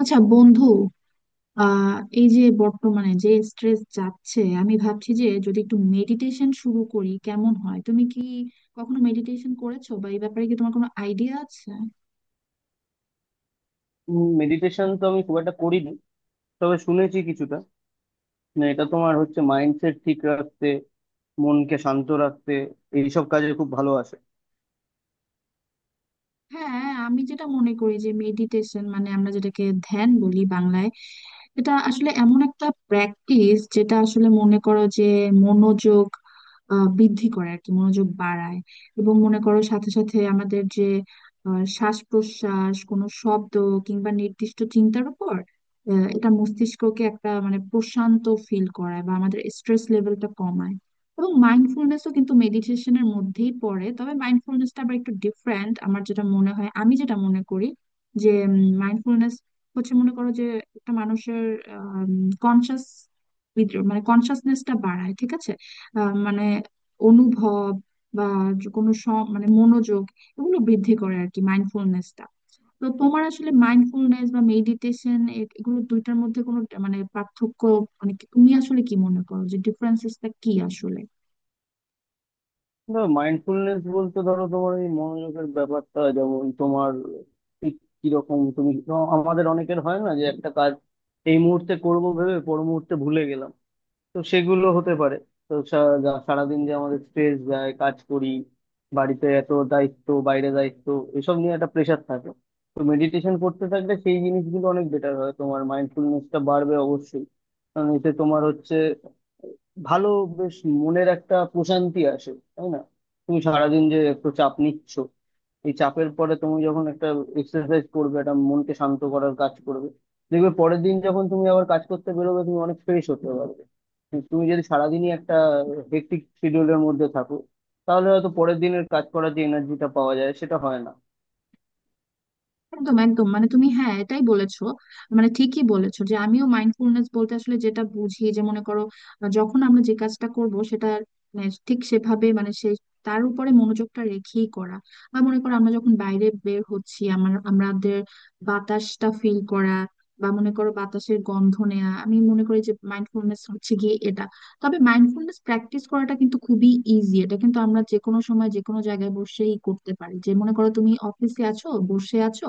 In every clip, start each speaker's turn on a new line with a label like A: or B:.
A: আচ্ছা বন্ধু। আহ এই যে বর্তমানে যে স্ট্রেস যাচ্ছে, আমি ভাবছি যে যদি একটু মেডিটেশন শুরু করি কেমন হয়। তুমি কি কখনো মেডিটেশন করেছো বা এই ব্যাপারে কি তোমার কোনো আইডিয়া আছে?
B: মেডিটেশন তো আমি খুব একটা করিনি, তবে শুনেছি কিছুটা। না, এটা তোমার হচ্ছে মাইন্ডসেট ঠিক রাখতে, মনকে শান্ত রাখতে এইসব কাজে খুব ভালো আসে।
A: হ্যাঁ, আমি যেটা মনে করি যে মেডিটেশন মানে আমরা যেটাকে ধ্যান বলি বাংলায়। এটা আসলে এমন একটা প্র্যাকটিস যেটা আসলে মনে করো যে মনোযোগ বৃদ্ধি করে আর কি, মনোযোগ বাড়ায়। এবং মনে করো সাথে সাথে আমাদের যে শ্বাস প্রশ্বাস, কোনো শব্দ কিংবা নির্দিষ্ট চিন্তার উপর এটা মস্তিষ্ককে একটা মানে প্রশান্ত ফিল করায় বা আমাদের স্ট্রেস লেভেলটা কমায়। এবং মাইন্ডফুলনেসও কিন্তু মেডিটেশনের মধ্যেই পড়ে, তবে মাইন্ডফুলনেসটা আবার একটু ডিফারেন্ট আমার যেটা মনে হয়, আমি যেটা মনে করি যে হচ্ছে মনে করো যে একটা মানুষের কনসাস মানে কনসাসনেসটা বাড়ায়, ঠিক আছে। মানে অনুভব বা যে কোনো মানে মনোযোগ, এগুলো বৃদ্ধি করে আর কি মাইন্ডফুলনেসটা। তো তোমার আসলে মাইন্ডফুলনেস বা মেডিটেশন, এগুলো দুইটার মধ্যে কোনো মানে পার্থক্য, মানে তুমি আসলে কি মনে করো যে ডিফারেন্সেসটা কি আসলে?
B: মাইন্ডফুলনেস বলতে ধরো তোমার এই মনোযোগের ব্যাপারটা, যেমন তোমার ঠিক কিরকম তুমি আমাদের অনেকের হয় না যে একটা কাজ এই মুহূর্তে করব ভেবে পর মুহূর্তে ভুলে গেলাম। তো সেগুলো হতে পারে। তো সা- সারাদিন যে আমাদের স্ট্রেস যায়, কাজ করি, বাড়িতে এত দায়িত্ব, বাইরে দায়িত্ব, এসব নিয়ে একটা প্রেশার থাকে। তো মেডিটেশন করতে থাকলে সেই জিনিসগুলো অনেক বেটার হয়, তোমার মাইন্ডফুলনেসটা বাড়বে অবশ্যই। কারণ এতে তোমার হচ্ছে ভালো, বেশ মনের একটা প্রশান্তি আসে, তাই না? তুমি সারাদিন যে এত চাপ নিচ্ছ, এই চাপের পরে তুমি যখন একটা এক্সারসাইজ করবে, একটা মনকে শান্ত করার কাজ করবে, দেখবে পরের দিন যখন তুমি আবার কাজ করতে বেরোবে তুমি অনেক ফ্রেশ হতে পারবে। কিন্তু তুমি যদি সারাদিনই একটা হেক্টিক শিডিউলের মধ্যে থাকো, তাহলে হয়তো পরের দিনের কাজ করার যে এনার্জিটা পাওয়া যায় সেটা হয় না।
A: একদম একদম, মানে তুমি হ্যাঁ এটাই বলেছো, মানে ঠিকই বলেছো যে আমিও মাইন্ডফুলনেস বলতে আসলে যেটা বুঝি যে মনে করো যখন আমরা যে কাজটা করব সেটা মানে ঠিক সেভাবে মানে সেই তার উপরে মনোযোগটা রেখেই করা, বা মনে করো আমরা যখন বাইরে বের হচ্ছি আমার আমাদের বাতাসটা ফিল করা, বা মনে করো বাতাসের গন্ধ নেওয়া, আমি মনে করি যে মাইন্ডফুলনেস হচ্ছে গিয়ে এটা। তবে মাইন্ডফুলনেস প্র্যাকটিস করাটা কিন্তু খুবই ইজি, এটা কিন্তু আমরা যে কোনো সময় যে কোনো জায়গায় বসেই করতে পারি। যে মনে করো তুমি অফিসে আছো, বসে আছো,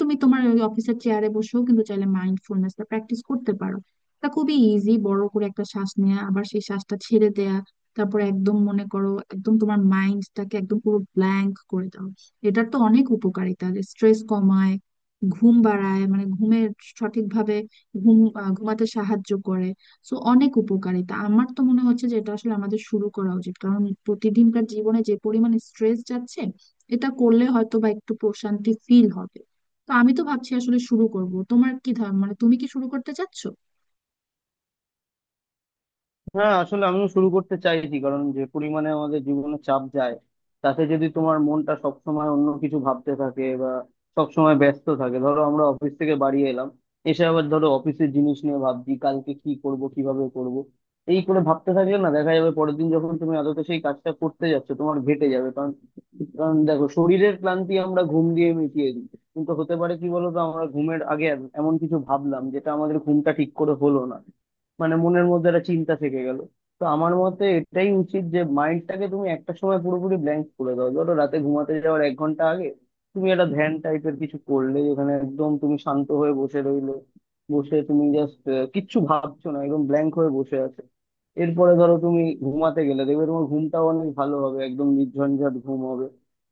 A: তুমি তোমার ওই অফিসের চেয়ারে বসেও কিন্তু চাইলে মাইন্ডফুলনেসটা প্র্যাকটিস করতে পারো। তা খুবই ইজি, বড় করে একটা শ্বাস নেওয়া, আবার সেই শ্বাসটা ছেড়ে দেয়া, তারপরে একদম মনে করো একদম তোমার মাইন্ডটাকে একদম পুরো ব্ল্যাঙ্ক করে দাও। এটার তো অনেক উপকারিতা, স্ট্রেস কমায়, ঘুম বাড়ায়, মানে ঘুমের সঠিকভাবে ঘুম ঘুমাতে সাহায্য করে। সো অনেক উপকারিতা, আমার তো মনে হচ্ছে যে এটা আসলে আমাদের শুরু করা উচিত, কারণ প্রতিদিনকার জীবনে যে পরিমাণ স্ট্রেস যাচ্ছে এটা করলে হয়তো বা একটু প্রশান্তি ফিল হবে। তো আমি তো ভাবছি আসলে শুরু করব, তোমার কি ধারণা, মানে তুমি কি শুরু করতে চাচ্ছ?
B: হ্যাঁ, আসলে আমিও শুরু করতে চাইছি, কারণ যে পরিমাণে আমাদের জীবনে চাপ যায়, তাতে যদি তোমার মনটা সব সময় অন্য কিছু ভাবতে থাকে বা সব সময় ব্যস্ত থাকে, ধরো আমরা অফিস থেকে বাড়ি এলাম, এসে আবার ধরো অফিসের জিনিস নিয়ে ভাবছি কালকে কি করব, কিভাবে করব, এই করে ভাবতে থাকলে না দেখা যাবে পরের দিন যখন তুমি আদতে সেই কাজটা করতে যাচ্ছ তোমার ঘেটে যাবে। কারণ কারণ দেখো, শরীরের ক্লান্তি আমরা ঘুম দিয়ে মিটিয়ে দিই, কিন্তু হতে পারে কি বলতো আমরা ঘুমের আগে এমন কিছু ভাবলাম যেটা আমাদের ঘুমটা ঠিক করে হলো না, মানে মনের মধ্যে একটা চিন্তা থেকে গেল। তো আমার মতে এটাই উচিত যে মাইন্ডটাকে তুমি একটা সময় পুরোপুরি ব্ল্যাঙ্ক করে দাও। ধরো রাতে ঘুমাতে যাওয়ার এক ঘন্টা আগে তুমি একটা ধ্যান টাইপের কিছু করলে, যেখানে একদম তুমি শান্ত হয়ে বসে রইলে, বসে তুমি জাস্ট কিচ্ছু ভাবছো না, একদম ব্ল্যাঙ্ক হয়ে বসে আছো। এরপরে ধরো তুমি ঘুমাতে গেলে দেখবে তোমার ঘুমটাও অনেক ভালো হবে, একদম নির্ঝঞ্ঝাট ঘুম হবে,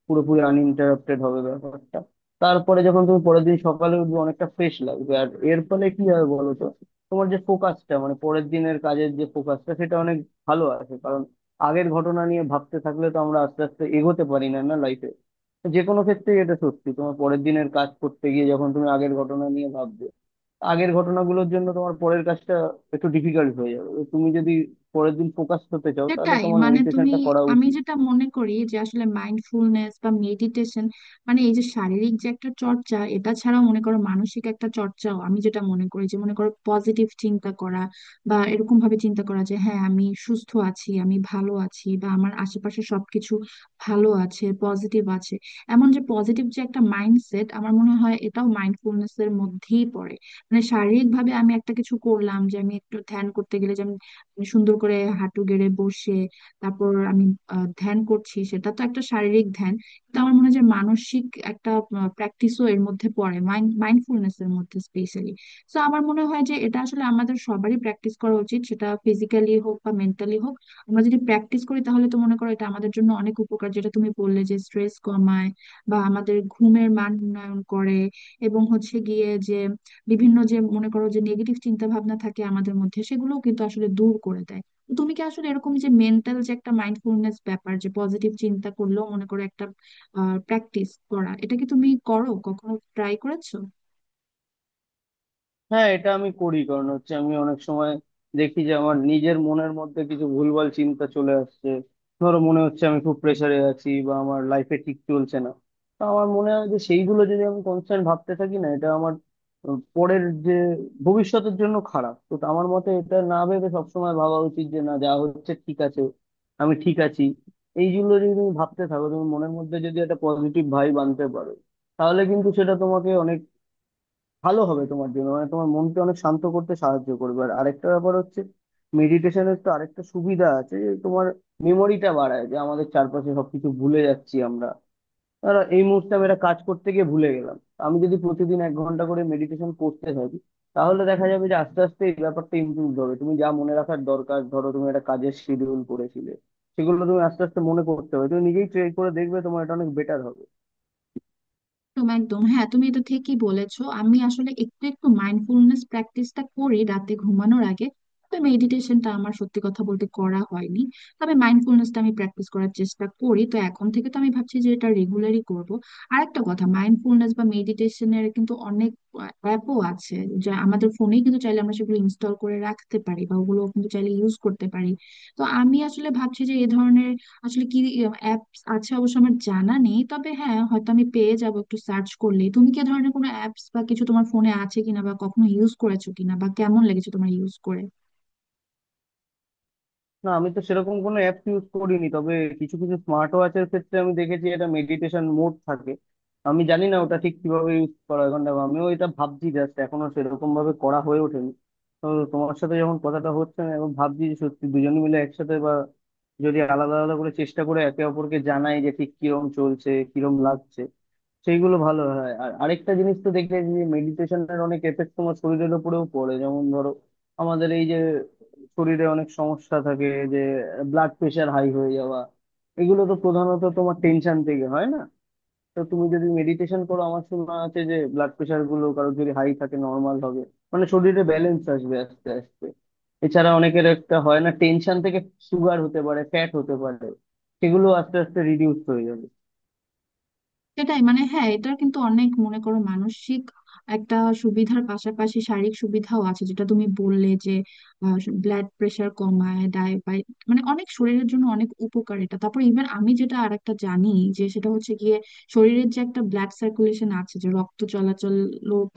B: পুরোপুরি আনইন্টারাপ্টেড হবে ব্যাপারটা। তারপরে যখন তুমি পরের দিন সকালে উঠবে অনেকটা ফ্রেশ লাগবে, আর এর ফলে কি হবে বলো তো, তোমার যে ফোকাসটা, মানে পরের দিনের কাজের যে ফোকাসটা সেটা অনেক ভালো আছে। কারণ আগের ঘটনা নিয়ে ভাবতে থাকলে তো আমরা আস্তে আস্তে এগোতে পারি না না লাইফে, যে কোনো ক্ষেত্রেই এটা সত্যি। তোমার পরের দিনের কাজ করতে গিয়ে যখন তুমি আগের ঘটনা নিয়ে ভাববে, আগের ঘটনাগুলোর জন্য তোমার পরের কাজটা একটু ডিফিকাল্ট হয়ে যাবে। তো তুমি যদি পরের দিন ফোকাস হতে চাও, তাহলে
A: সেটাই,
B: তোমার
A: মানে তুমি
B: মেডিটেশনটা করা
A: আমি
B: উচিত।
A: যেটা মনে করি যে আসলে মাইন্ডফুলনেস বা মেডিটেশন মানে এই যে শারীরিক যে একটা চর্চা এটা ছাড়াও মনে করো মানসিক একটা চর্চাও, আমি যেটা মনে করি যে মনে করো পজিটিভ চিন্তা করা, বা এরকম ভাবে চিন্তা করা যে হ্যাঁ আমি সুস্থ আছি, আমি ভালো আছি বা আমার আশেপাশে সবকিছু ভালো আছে পজিটিভ আছে, এমন যে পজিটিভ যে একটা মাইন্ডসেট, আমার মনে হয় এটাও মাইন্ডফুলনেস এর মধ্যেই পড়ে। মানে শারীরিক ভাবে আমি একটা কিছু করলাম যে আমি একটু ধ্যান করতে গেলে যে আমি সুন্দর করে হাঁটু গেড়ে বসে তারপর আমি ধ্যান করছি, সেটা তো একটা শারীরিক ধ্যান, কিন্তু আমার মনে হয় যে মানসিক একটা প্র্যাকটিসও এর মধ্যে পড়ে মাইন্ডফুলনেস এর মধ্যে স্পেশালি। তো আমার মনে হয় যে এটা আসলে আমাদের সবারই প্র্যাকটিস করা উচিত, সেটা ফিজিক্যালি হোক বা মেন্টালি হোক। আমরা যদি প্র্যাকটিস করি তাহলে তো মনে করো এটা আমাদের জন্য অনেক উপকার, যেটা তুমি বললে যে স্ট্রেস কমায় বা আমাদের ঘুমের মান উন্নয়ন করে, এবং হচ্ছে গিয়ে যে বিভিন্ন যে মনে করো যে নেগেটিভ চিন্তা ভাবনা থাকে আমাদের মধ্যে সেগুলোও কিন্তু আসলে দূর করে দেয়। তো তুমি কি আসলে এরকম যে মেন্টাল যে একটা মাইন্ডফুলনেস ব্যাপার যে পজিটিভ চিন্তা করলেও মনে করো একটা প্র্যাকটিস করা, এটা কি তুমি করো, কখনো ট্রাই করেছো?
B: হ্যাঁ, এটা আমি করি, কারণ হচ্ছে আমি অনেক সময় দেখি যে আমার নিজের মনের মধ্যে কিছু ভুলভাল চিন্তা চলে আসছে, ধরো মনে হচ্ছে আমি খুব প্রেসারে আছি বা আমার লাইফে ঠিক চলছে না। তো আমার মনে হয় যে সেইগুলো যদি আমি কনস্ট্যান্ট ভাবতে থাকি না, এটা আমার পরের যে ভবিষ্যতের জন্য খারাপ। তো আমার মতে এটা না ভেবে সবসময় ভাবা উচিত যে না, যা হচ্ছে ঠিক আছে, আমি ঠিক আছি। এইগুলো যদি তুমি ভাবতে থাকো, তুমি মনের মধ্যে যদি একটা পজিটিভ ভাইব আনতে পারো, তাহলে কিন্তু সেটা তোমাকে অনেক ভালো হবে তোমার জন্য, মানে তোমার মনকে অনেক শান্ত করতে সাহায্য করবে। আর আরেকটা ব্যাপার হচ্ছে, মেডিটেশনের তো আরেকটা সুবিধা আছে যে তোমার মেমোরিটা বাড়ায়, যে আমাদের চারপাশে সবকিছু ভুলে যাচ্ছি আমরা, আর এই মুহূর্তে আমি একটা কাজ করতে গিয়ে ভুলে গেলাম। আমি যদি প্রতিদিন এক ঘন্টা করে মেডিটেশন করতে থাকি, তাহলে দেখা যাবে যে আস্তে আস্তে এই ব্যাপারটা ইমপ্রুভ হবে। তুমি যা মনে রাখার দরকার, ধরো তুমি একটা কাজের শিডিউল করেছিলে, সেগুলো তুমি আস্তে আস্তে মনে করতে হবে। তুমি নিজেই ট্রাই করে দেখবে তোমার এটা অনেক বেটার হবে।
A: একদম একদম, হ্যাঁ তুমি এটা ঠিকই বলেছো। আমি আসলে একটু একটু মাইন্ডফুলনেস প্র্যাকটিসটা করি রাতে ঘুমানোর আগে, তো মেডিটেশনটা আমার সত্যি কথা বলতে করা হয়নি, তবে মাইন্ডফুলনেসটা আমি প্র্যাকটিস করার চেষ্টা করি। তো এখন থেকে তো আমি ভাবছি যে এটা রেগুলারই করব। আর একটা কথা, মাইন্ডফুলনেস বা মেডিটেশনের কিন্তু অনেক অ্যাপও আছে যা আমাদের ফোনেই, কিন্তু চাইলে আমরা সেগুলো ইনস্টল করে রাখতে পারি বা ওগুলো কিন্তু চাইলে ইউজ করতে পারি। তো আমি আসলে ভাবছি যে এ ধরনের আসলে কি, আচ্ছা অবশ্য আমার জানা নেই তবে হ্যাঁ হয়তো আমি পেয়ে যাব একটু সার্চ করলে। তুমি কি এ ধরনের কোনো অ্যাপস বা কিছু তোমার ফোনে আছে কিনা, বা কখনো ইউজ করেছো কিনা, বা কেমন লেগেছে তোমার ইউজ করে?
B: না, আমি তো সেরকম কোনো অ্যাপ ইউজ করিনি, তবে কিছু কিছু স্মার্ট ওয়াচের ক্ষেত্রে আমি দেখেছি এটা মেডিটেশন মোড থাকে। আমি জানি না ওটা ঠিক কিভাবে ইউজ করা হয়, কারণ দেখো, আমিও এটা ভাবছি, জাস্ট এখনো সেরকম ভাবে করা হয়ে ওঠেনি। তো তোমার সাথে যখন কথাটা হচ্ছে আমি এখন ভাবছি যে সত্যি দুজনে মিলে একসাথে, বা যদি আলাদা আলাদা করে চেষ্টা করে একে অপরকে জানাই যে ঠিক কিরম চলছে, কিরম লাগছে, সেইগুলো ভালো হয়। আর আরেকটা জিনিস তো দেখলে, যে মেডিটেশনের অনেক এফেক্ট তোমার শরীরের উপরেও পড়ে। যেমন ধরো আমাদের এই যে শরীরে অনেক সমস্যা থাকে, যে ব্লাড প্রেশার হাই হয়ে যাওয়া, এগুলো তো প্রধানত তোমার টেনশন থেকে হয় না? তো তুমি যদি মেডিটেশন করো, আমার শোনা আছে যে ব্লাড প্রেশার গুলো কারো যদি হাই থাকে নর্মাল হবে, মানে শরীরে ব্যালেন্স আসবে আস্তে আস্তে। এছাড়া অনেকের একটা হয় না, টেনশন থেকে সুগার হতে পারে, ফ্যাট হতে পারে, সেগুলো আস্তে আস্তে রিডিউস হয়ে যাবে।
A: সেটাই, মানে হ্যাঁ এটার কিন্তু অনেক মনে করো মানসিক একটা সুবিধার পাশাপাশি শারীরিক সুবিধাও আছে, যেটা তুমি বললে যে ব্লাড প্রেশার কমায়, ডায়াবেটিস, মানে অনেক শরীরের জন্য অনেক উপকার এটা। তারপর ইভেন আমি যেটা আরেকটা জানি যে সেটা হচ্ছে গিয়ে শরীরের যে একটা ব্লাড সার্কুলেশন আছে যে রক্ত চলাচল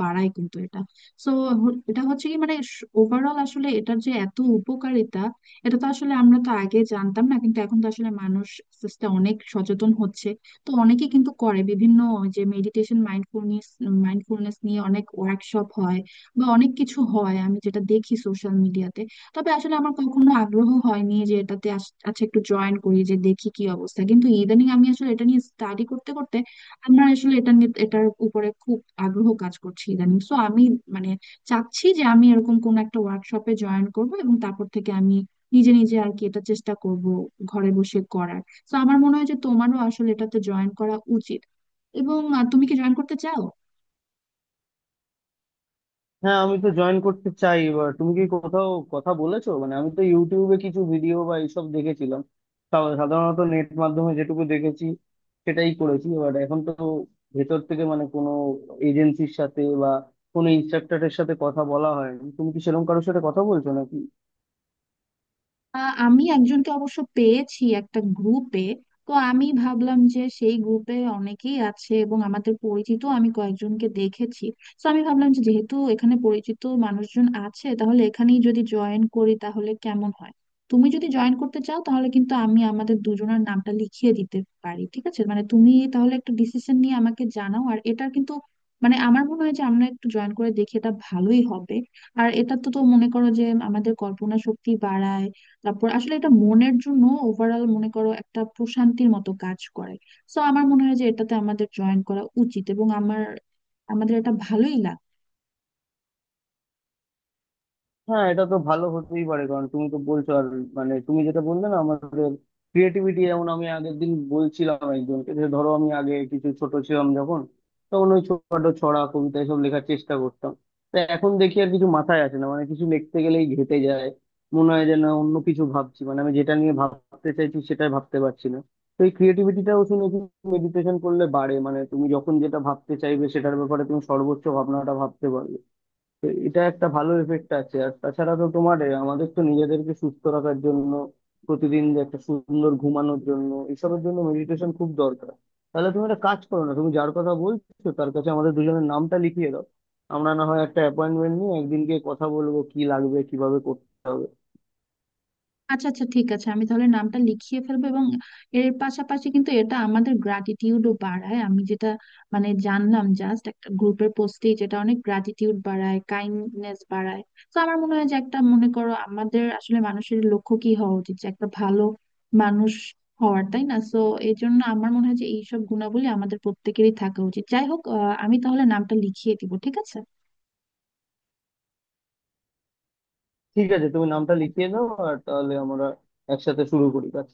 A: বাড়ায় কিন্তু এটা। সো এটা হচ্ছে কি মানে ওভারঅল আসলে এটার যে এত উপকারিতা, এটা তো আসলে আমরা তো আগে জানতাম না, কিন্তু এখন তো আসলে মানুষ আস্তে আস্তে অনেক সচেতন হচ্ছে। তো অনেকে কিন্তু করে, বিভিন্ন যে মেডিটেশন মাইন্ডফুলনেস মাইন্ডফুলনেস নিয়ে অনেক ওয়ার্কশপ হয় বা অনেক কিছু হয়, আমি যেটা দেখি সোশ্যাল মিডিয়াতে। তবে আসলে আমার কখনো আগ্রহ হয়নি যে এটাতে আচ্ছা একটু জয়েন করি যে দেখি কি অবস্থা, কিন্তু ইদানিং আমি আসলে এটা নিয়ে স্টাডি করতে করতে আমার আসলে এটা নিয়ে এটার উপরে খুব আগ্রহ কাজ করছে ইদানিং। সো আমি মানে চাচ্ছি যে আমি এরকম কোন একটা ওয়ার্কশপে জয়েন করব, এবং তারপর থেকে আমি নিজে নিজে আর কি এটা চেষ্টা করব ঘরে বসে করার। তো আমার মনে হয় যে তোমারও আসলে এটাতে জয়েন করা উচিত, এবং তুমি কি জয়েন করতে চাও?
B: হ্যাঁ, আমি তো জয়েন করতে চাই। এবার তুমি কি কোথাও কথা বলেছো? মানে আমি তো ইউটিউবে কিছু ভিডিও বা এইসব দেখেছিলাম, তাও সাধারণত নেট মাধ্যমে যেটুকু দেখেছি সেটাই করেছি। এবার এখন তো ভেতর থেকে মানে কোনো এজেন্সির সাথে বা কোনো ইনস্ট্রাক্টরের সাথে কথা বলা হয়নি, তুমি কি সেরকম কারোর সাথে কথা বলছো নাকি?
A: আমি একজনকে অবশ্য পেয়েছি একটা গ্রুপে, তো আমি ভাবলাম যে সেই গ্রুপে অনেকেই আছে এবং আমাদের পরিচিত আমি কয়েকজনকে দেখেছি। তো আমি ভাবলাম যে যেহেতু এখানে পরিচিত মানুষজন আছে, তাহলে এখানেই যদি জয়েন করি তাহলে কেমন হয়। তুমি যদি জয়েন করতে চাও তাহলে কিন্তু আমি আমাদের দুজনের নামটা লিখিয়ে দিতে পারি, ঠিক আছে। মানে তুমি তাহলে একটা ডিসিশন নিয়ে আমাকে জানাও। আর এটা কিন্তু মানে আমার মনে হয় যে আমরা একটু জয়েন করে দেখি, এটা ভালোই হবে। আর এটা তো তো মনে করো যে আমাদের কল্পনা শক্তি বাড়ায়, তারপর আসলে এটা মনের জন্য ওভারঅল মনে করো একটা প্রশান্তির মতো কাজ করে। সো আমার মনে হয় যে এটাতে আমাদের জয়েন করা উচিত, এবং আমার আমাদের এটা ভালোই লাগে।
B: হ্যাঁ, এটা তো ভালো হতেই পারে, কারণ তুমি তো বলছো। আর মানে তুমি যেটা বললে না, আমাদের ক্রিয়েটিভিটি, যেমন আমি আগের দিন বলছিলাম একজনকে যে ধরো আমি আগে কিছু ছোট ছিলাম যখন, তখন ওই ছোটখাটো ছড়া কবিতা এসব লেখার চেষ্টা করতাম। তো এখন দেখি আর কিছু মাথায় আসে না, মানে কিছু লিখতে গেলেই ঘেঁটে যায়। মনে হয় যে না, অন্য কিছু ভাবছি, মানে আমি যেটা নিয়ে ভাবতে চাইছি সেটাই ভাবতে পারছি না। তো এই ক্রিয়েটিভিটিটাও শুনেছি মেডিটেশন করলে বাড়ে, মানে তুমি যখন যেটা ভাবতে চাইবে সেটার ব্যাপারে তুমি সর্বোচ্চ ভাবনাটা ভাবতে পারবে। তো এটা একটা ভালো এফেক্ট আছে। আর তাছাড়া তো তোমার আমাদের তো নিজেদেরকে সুস্থ রাখার জন্য, প্রতিদিন যে একটা সুন্দর ঘুমানোর জন্য, এসবের জন্য মেডিটেশন খুব দরকার। তাহলে তুমি একটা কাজ করো না, তুমি যার কথা বলছো তার কাছে আমাদের দুজনের নামটা লিখিয়ে দাও, আমরা না হয় একটা অ্যাপয়েন্টমেন্ট নিয়ে একদিন গিয়ে কথা বলবো কি লাগবে কিভাবে করতে হবে।
A: আচ্ছা আচ্ছা, ঠিক আছে আমি তাহলে নামটা লিখিয়ে ফেলবো। এবং এর পাশাপাশি কিন্তু এটা আমাদের গ্র্যাটিটিউডও বাড়ায়, আমি যেটা মানে জানলাম জাস্ট একটা গ্রুপের পোস্টেই, যেটা অনেক গ্র্যাটিটিউড বাড়ায়, কাইন্ডনেস বাড়ায়। তো আমার মনে হয় যে একটা মনে করো আমাদের আসলে মানুষের লক্ষ্য কি হওয়া উচিত, যে একটা ভালো মানুষ হওয়ার, তাই না। তো এই জন্য আমার মনে হয় যে এইসব গুণাবলী আমাদের প্রত্যেকেরই থাকা উচিত। যাই হোক আমি তাহলে নামটা লিখিয়ে দিব, ঠিক আছে।
B: ঠিক আছে, তুমি নামটা লিখিয়ে দাও আর তাহলে আমরা একসাথে শুরু করি কাজ।